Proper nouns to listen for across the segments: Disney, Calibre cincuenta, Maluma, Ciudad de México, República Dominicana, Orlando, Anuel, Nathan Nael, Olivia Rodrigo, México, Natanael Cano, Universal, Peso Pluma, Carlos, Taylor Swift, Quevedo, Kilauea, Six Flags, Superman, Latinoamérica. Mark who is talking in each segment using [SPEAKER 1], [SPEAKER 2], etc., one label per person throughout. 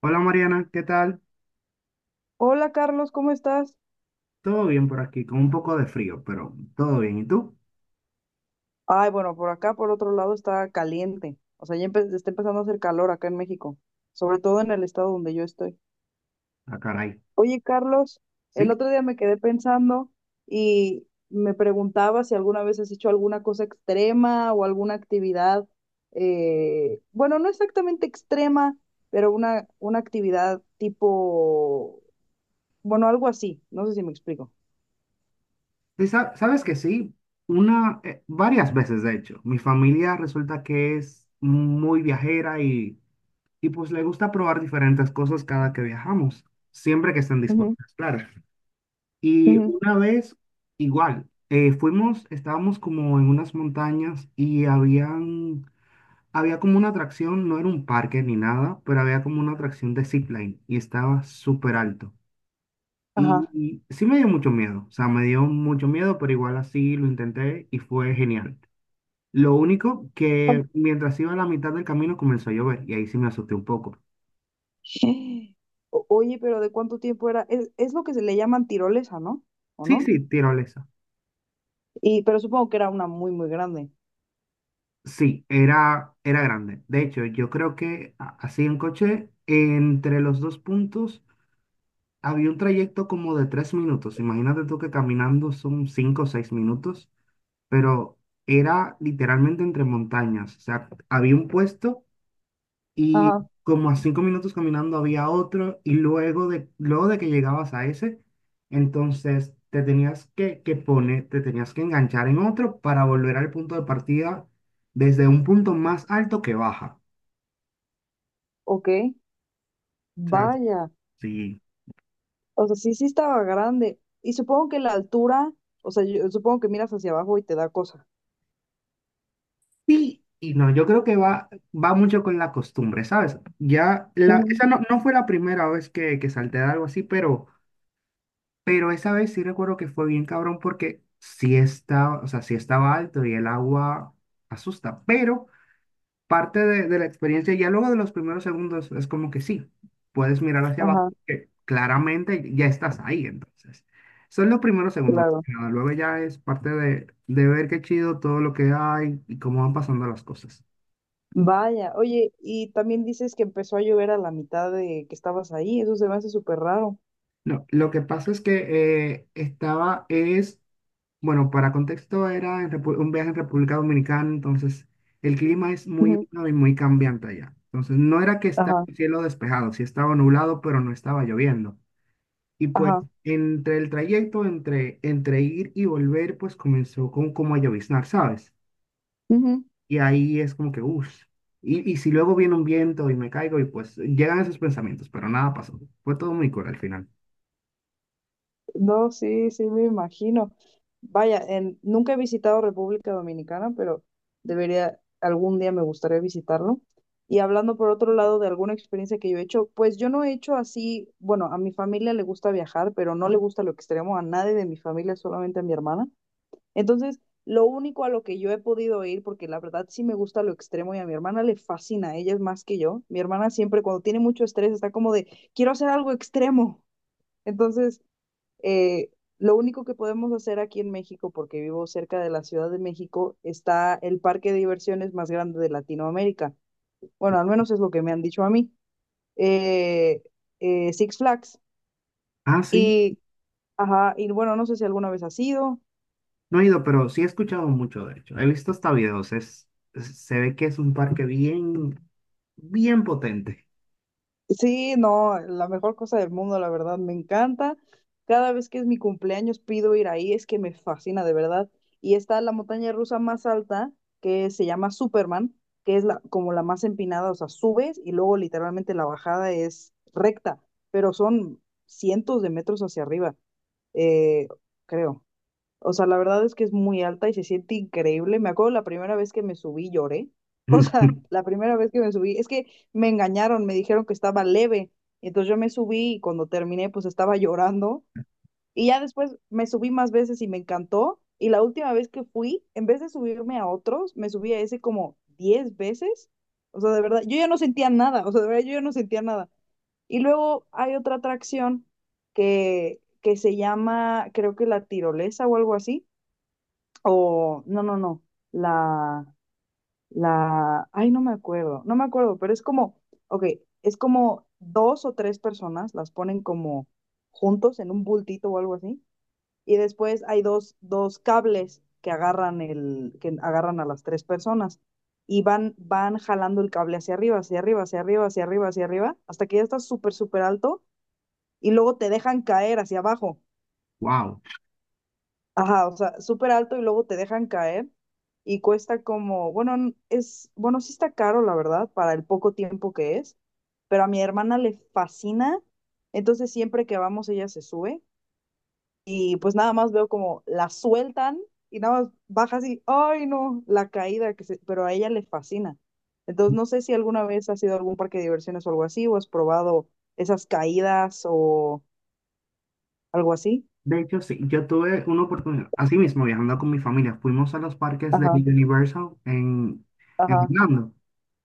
[SPEAKER 1] Hola Mariana, ¿qué tal?
[SPEAKER 2] Hola Carlos, ¿cómo estás?
[SPEAKER 1] Todo bien por aquí, con un poco de frío, pero todo bien. ¿Y tú?
[SPEAKER 2] Ay, bueno, por acá, por otro lado, está caliente. O sea, ya está empezando a hacer calor acá en México, sobre todo en el estado donde yo estoy.
[SPEAKER 1] Ah, caray.
[SPEAKER 2] Oye, Carlos, el
[SPEAKER 1] Sí.
[SPEAKER 2] otro día me quedé pensando y me preguntaba si alguna vez has hecho alguna cosa extrema o alguna actividad, bueno, no exactamente extrema, pero una actividad tipo, bueno, algo así, no sé si me explico.
[SPEAKER 1] ¿Sabes que sí? Una, varias veces, de hecho. Mi familia resulta que es muy viajera y pues le gusta probar diferentes cosas cada que viajamos, siempre que estén
[SPEAKER 2] Ujú,
[SPEAKER 1] dispuestas, claro. Y
[SPEAKER 2] ujú.
[SPEAKER 1] una vez, igual, fuimos, estábamos como en unas montañas y Había como una atracción, no era un parque ni nada, pero había como una atracción de zipline y estaba súper alto. Y,
[SPEAKER 2] Ajá.
[SPEAKER 1] y sí me dio mucho miedo, o sea, me dio mucho miedo, pero igual así lo intenté y fue genial. Lo único que mientras iba a la mitad del camino comenzó a llover y ahí sí me asusté un poco.
[SPEAKER 2] Oye, pero ¿de cuánto tiempo era? Es lo que se le llaman tirolesa, ¿no? ¿O
[SPEAKER 1] Sí,
[SPEAKER 2] no?
[SPEAKER 1] sí, tirolesa.
[SPEAKER 2] Y, pero supongo que era una muy, muy grande.
[SPEAKER 1] Sí, era grande. De hecho, yo creo que así en coche, entre los dos puntos, había un trayecto como de tres minutos. Imagínate tú que caminando son cinco o seis minutos. Pero era literalmente entre montañas. O sea, había un puesto y
[SPEAKER 2] Ajá,
[SPEAKER 1] como a cinco minutos caminando había otro y luego de que llegabas a ese, entonces te que poner, te tenías que enganchar en otro para volver al punto de partida desde un punto más alto que baja.
[SPEAKER 2] ok.
[SPEAKER 1] O sea,
[SPEAKER 2] Vaya.
[SPEAKER 1] sí.
[SPEAKER 2] O sea, sí, sí estaba grande. Y supongo que la altura, o sea, yo supongo que miras hacia abajo y te da cosa.
[SPEAKER 1] Sí y no, yo creo que va mucho con la costumbre, ¿sabes? Ya,
[SPEAKER 2] Ujú.
[SPEAKER 1] esa no fue la primera vez que salté de algo así, pero... Pero esa vez sí recuerdo que fue bien cabrón porque sí estaba, o sea, sí estaba alto y el agua asusta, pero de la experiencia, ya luego de los primeros segundos, es como que sí, puedes mirar hacia abajo
[SPEAKER 2] Ajá,
[SPEAKER 1] porque claramente ya estás ahí, entonces. Son los primeros segundos, más
[SPEAKER 2] claro.
[SPEAKER 1] que nada. Luego ya es de ver qué chido todo lo que hay y cómo van pasando las cosas.
[SPEAKER 2] Vaya. Oye, y también dices que empezó a llover a la mitad de que estabas ahí. Eso se me hace súper raro.
[SPEAKER 1] No, lo que pasa es que bueno, para contexto era en un viaje en República Dominicana, entonces el clima es muy
[SPEAKER 2] Ujú.
[SPEAKER 1] húmedo y muy cambiante allá. Entonces no era que estaba
[SPEAKER 2] Ajá,
[SPEAKER 1] el cielo despejado, sí estaba nublado, pero no estaba lloviendo. Y pues
[SPEAKER 2] ajá.
[SPEAKER 1] entre el trayecto, entre ir y volver, pues comenzó como a lloviznar, ¿sabes?
[SPEAKER 2] Ujú.
[SPEAKER 1] Y ahí es como que, uff, y si luego viene un viento y me caigo y pues llegan esos pensamientos, pero nada pasó. Fue todo muy cool al final.
[SPEAKER 2] No, sí, sí, me imagino. Vaya, nunca he visitado República Dominicana, pero debería, algún día me gustaría visitarlo. Y hablando por otro lado de alguna experiencia que yo he hecho, pues yo no he hecho así, bueno, a mi familia le gusta viajar, pero no le gusta lo extremo a nadie de mi familia, solamente a mi hermana. Entonces, lo único a lo que yo he podido ir, porque la verdad sí me gusta lo extremo y a mi hermana le fascina, ella es más que yo. Mi hermana siempre cuando tiene mucho estrés está como de, quiero hacer algo extremo. Entonces, Eh, lo único que podemos hacer aquí en México, porque vivo cerca de la Ciudad de México, está el parque de diversiones más grande de Latinoamérica. Bueno, al menos es lo que me han dicho a mí. Eh, Six Flags.
[SPEAKER 1] Ah, sí.
[SPEAKER 2] Y, ajá, y bueno, no sé si alguna vez has ido.
[SPEAKER 1] No he ido, pero sí he escuchado mucho, de hecho. He visto hasta videos. Se ve que es un parque bien potente.
[SPEAKER 2] Sí, no, la mejor cosa del mundo, la verdad, me encanta. Cada vez que es mi cumpleaños pido ir ahí, es que me fascina de verdad. Y está la montaña rusa más alta, que se llama Superman, que es como la más empinada, o sea, subes y luego literalmente la bajada es recta, pero son cientos de metros hacia arriba, eh, creo. O sea, la verdad es que es muy alta y se siente increíble. Me acuerdo la primera vez que me subí lloré. O sea, la primera vez que me subí, es que me engañaron, me dijeron que estaba leve. Y entonces yo me subí y cuando terminé pues estaba llorando. Y ya después me subí más veces y me encantó. Y la última vez que fui, en vez de subirme a otros, me subí a ese como 10 veces. O sea, de verdad, yo ya no sentía nada. O sea, de verdad, yo ya no sentía nada. Y luego hay otra atracción que se llama, creo que la tirolesa o algo así, no, no, no, la, ay, no me acuerdo, no me acuerdo, pero es como, ok, es como dos o tres personas, las ponen como juntos en un bultito o algo así, y después hay dos cables que que agarran a las tres personas y van jalando el cable hacia arriba, hacia arriba, hacia arriba, hacia arriba, hacia arriba, hasta que ya estás súper, súper alto y luego te dejan caer hacia abajo.
[SPEAKER 1] Wow.
[SPEAKER 2] Ajá, o sea, súper alto y luego te dejan caer y cuesta como, bueno, es, bueno, sí está caro, la verdad, para el poco tiempo que es, pero a mi hermana le fascina, entonces siempre que vamos ella se sube y pues nada más veo como la sueltan y nada más baja así, ay no, la caída que se, pero a ella le fascina. Entonces no sé si alguna vez has ido a algún parque de diversiones o algo así, o has probado esas caídas o algo así.
[SPEAKER 1] De hecho, sí, yo tuve una oportunidad. Así mismo, viajando con mi familia, fuimos a los parques de
[SPEAKER 2] Ajá,
[SPEAKER 1] En
[SPEAKER 2] ajá,
[SPEAKER 1] Orlando.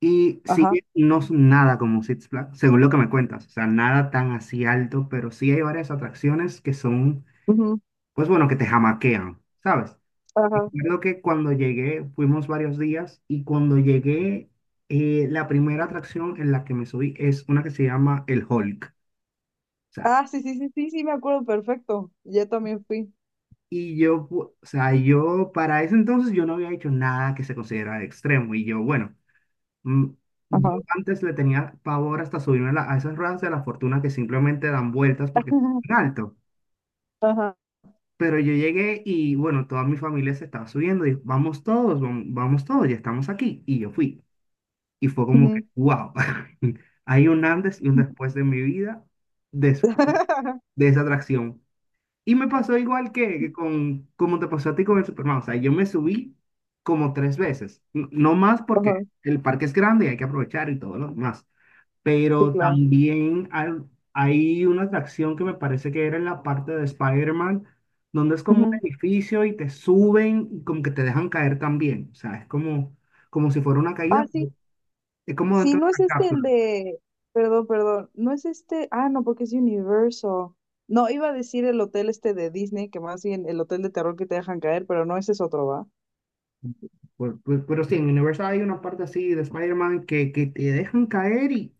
[SPEAKER 1] Y sí,
[SPEAKER 2] ajá,
[SPEAKER 1] no es nada como Six Flags, según lo que me cuentas. O sea, nada tan así alto, pero sí hay varias atracciones que son,
[SPEAKER 2] ujú,
[SPEAKER 1] pues bueno, que te jamaquean, ¿sabes?
[SPEAKER 2] ajá.
[SPEAKER 1] Recuerdo que cuando llegué, fuimos varios días y cuando llegué, la primera atracción en la que me subí es una que se llama el Hulk. O sea,
[SPEAKER 2] Ah, sí, sí, sí, sí, sí, me acuerdo perfecto. Yo también fui.
[SPEAKER 1] y yo, o sea, yo para ese entonces yo no había hecho nada que se considerara extremo y yo, bueno, mm, yo
[SPEAKER 2] Ajá.
[SPEAKER 1] antes le tenía pavor hasta subirme a esas ruedas de la fortuna que simplemente dan vueltas porque es muy alto.
[SPEAKER 2] Ajá.
[SPEAKER 1] Pero yo llegué y bueno, toda mi familia se estaba subiendo y vamos todos, vamos todos, ya estamos aquí. Y yo fui. Y fue como que,
[SPEAKER 2] Ujú.
[SPEAKER 1] wow, hay un antes y un después de mi vida después de esa atracción. Y me pasó igual que con, como te pasó a ti con el Superman. O sea, yo me subí como tres veces. No más porque
[SPEAKER 2] Ajá.
[SPEAKER 1] el parque es grande y hay que aprovechar y todo lo demás.
[SPEAKER 2] Sí,
[SPEAKER 1] Pero
[SPEAKER 2] claro.
[SPEAKER 1] también hay una atracción que me parece que era en la parte de Spider-Man, donde es como un
[SPEAKER 2] Ujú.
[SPEAKER 1] edificio y te suben y como que te dejan caer también. O sea, es como, como si fuera una
[SPEAKER 2] Ah,
[SPEAKER 1] caída,
[SPEAKER 2] sí.
[SPEAKER 1] pero es como
[SPEAKER 2] Sí,
[SPEAKER 1] dentro de
[SPEAKER 2] no es
[SPEAKER 1] una
[SPEAKER 2] este el
[SPEAKER 1] cápsula.
[SPEAKER 2] de. Perdón, perdón. No es este. Ah, no, porque es Universal. No, iba a decir el hotel este de Disney, que más bien el hotel de terror que te dejan caer, pero no, ese es otro, ¿va?
[SPEAKER 1] Pero sí, en Universal hay una parte así de Spider-Man que te dejan caer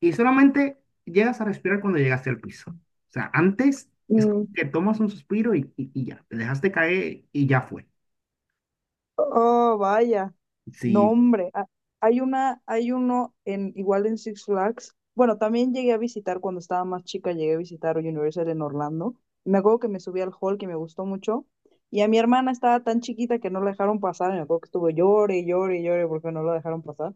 [SPEAKER 1] y solamente llegas a respirar cuando llegaste al piso. O sea, antes es como
[SPEAKER 2] Mm.
[SPEAKER 1] que tomas un suspiro y ya, te dejaste caer y ya fue.
[SPEAKER 2] Oh, vaya. No,
[SPEAKER 1] Sí,
[SPEAKER 2] hombre. Ah, hay uno igual en Six Flags. Bueno, también llegué a visitar cuando estaba más chica, llegué a visitar Universal en Orlando. Me acuerdo que me subí al hall que me gustó mucho. Y a mi hermana estaba tan chiquita que no la dejaron pasar. Me acuerdo que estuvo llore, llore, llore porque no la dejaron pasar.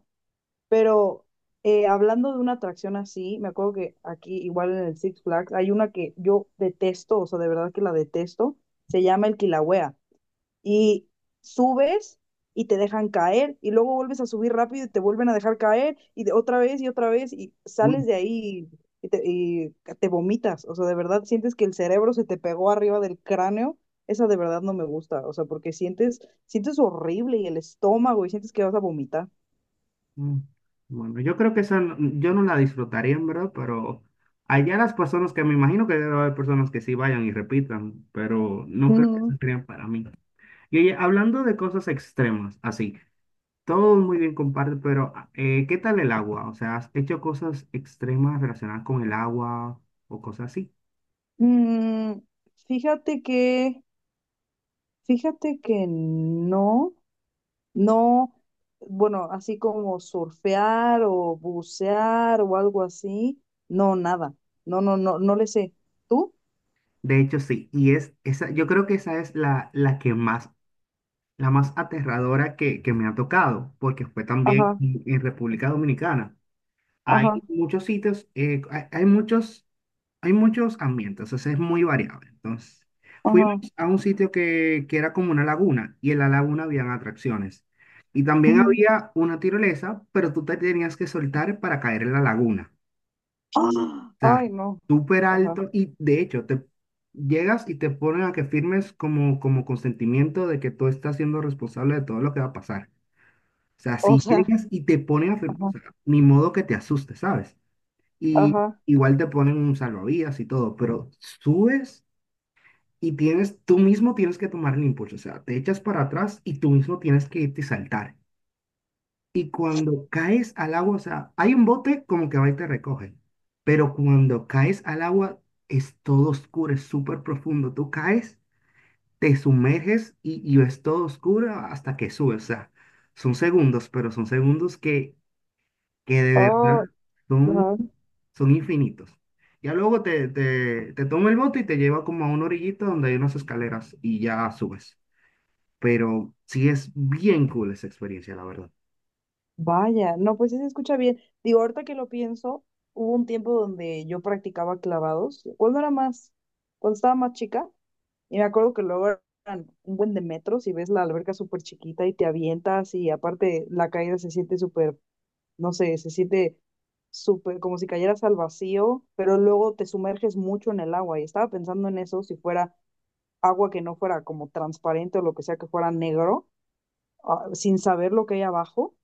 [SPEAKER 2] Pero hablando de una atracción así, me acuerdo que aquí, igual en el Six Flags, hay una que yo detesto, o sea, de verdad que la detesto. Se llama el Kilauea y subes y te dejan caer y luego vuelves a subir rápido y te vuelven a dejar caer y de otra vez y
[SPEAKER 1] uy,
[SPEAKER 2] sales de ahí y te vomitas, o sea, de verdad sientes que el cerebro se te pegó arriba del cráneo, esa de verdad no me gusta, o sea, porque sientes horrible y el estómago y sientes que vas a vomitar.
[SPEAKER 1] mm, bueno, yo creo que esa yo no la disfrutaría en verdad, pero allá las personas que me imagino que debe haber personas que sí vayan y repitan, pero no creo que
[SPEAKER 2] Ujú.
[SPEAKER 1] sean para mí. Y oye, hablando de cosas extremas, así. Todo muy bien comparte, pero ah, ¿qué tal el agua? O sea, ¿has hecho cosas extremas relacionadas con el agua o cosas así?
[SPEAKER 2] Mm, fíjate que, fíjate que no. No, bueno, así como surfear o bucear o algo así, no, nada. No, no, no, no le sé. ¿Tú?
[SPEAKER 1] De hecho, sí. Y es esa, yo creo que esa es la que más, la más aterradora que me ha tocado, porque fue también
[SPEAKER 2] Ajá,
[SPEAKER 1] en República Dominicana. Hay
[SPEAKER 2] ajá,
[SPEAKER 1] muchos sitios, hay muchos ambientes, o sea, es muy variable. Entonces, fuimos
[SPEAKER 2] ajá.
[SPEAKER 1] a un sitio que era como una laguna y en la laguna habían atracciones. Y también
[SPEAKER 2] Ujú.
[SPEAKER 1] había una tirolesa, pero tú te tenías que soltar para caer en la laguna.
[SPEAKER 2] ¡Ah!
[SPEAKER 1] O sea,
[SPEAKER 2] Ay, no.
[SPEAKER 1] súper
[SPEAKER 2] Ajá.
[SPEAKER 1] alto y de hecho te llegas y te ponen a que firmes como, como consentimiento de que tú estás siendo responsable de todo lo que va a pasar. O sea,
[SPEAKER 2] O
[SPEAKER 1] si
[SPEAKER 2] sea,
[SPEAKER 1] llegas y te ponen a firmar, o
[SPEAKER 2] ajá,
[SPEAKER 1] sea, ni modo que te asustes, ¿sabes? Y
[SPEAKER 2] ajá.
[SPEAKER 1] igual te ponen un salvavidas y todo, pero subes y tienes, tú mismo tienes que tomar el impulso, o sea, te echas para atrás y tú mismo tienes que irte y saltar. Y cuando caes al agua, o sea, hay un bote como que va y te recoge, pero cuando caes al agua es todo oscuro, es súper profundo, tú caes, te sumerges y es todo oscuro hasta que subes, o sea, son segundos, pero son segundos que de
[SPEAKER 2] Ah,
[SPEAKER 1] verdad son,
[SPEAKER 2] ajá.
[SPEAKER 1] son infinitos. Ya luego te toma el bote y te lleva como a una orillita donde hay unas escaleras y ya subes. Pero sí es bien cool esa experiencia, la verdad.
[SPEAKER 2] Vaya, no, pues sí se escucha bien. Digo, ahorita que lo pienso, hubo un tiempo donde yo practicaba clavados. Cuando era más? Cuando estaba más chica. Y me acuerdo que luego eran un buen de metros y ves la alberca súper chiquita y te avientas y aparte la caída se siente súper, no sé, se siente súper como si cayeras al vacío, pero luego te sumerges mucho en el agua y estaba pensando en eso, si fuera agua que no fuera como transparente o lo que sea que fuera negro, sin saber lo que hay abajo,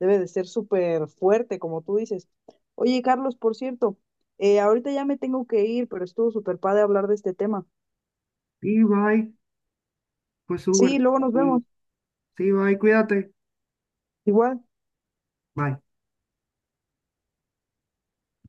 [SPEAKER 2] debe de ser súper fuerte, como tú dices. Oye, Carlos, por cierto, ahorita ya me tengo que ir, pero estuvo súper padre hablar de este tema.
[SPEAKER 1] Y bye, pues Uber,
[SPEAKER 2] Sí, luego nos vemos.
[SPEAKER 1] sí, bye, cuídate.
[SPEAKER 2] Igual.
[SPEAKER 1] Bye.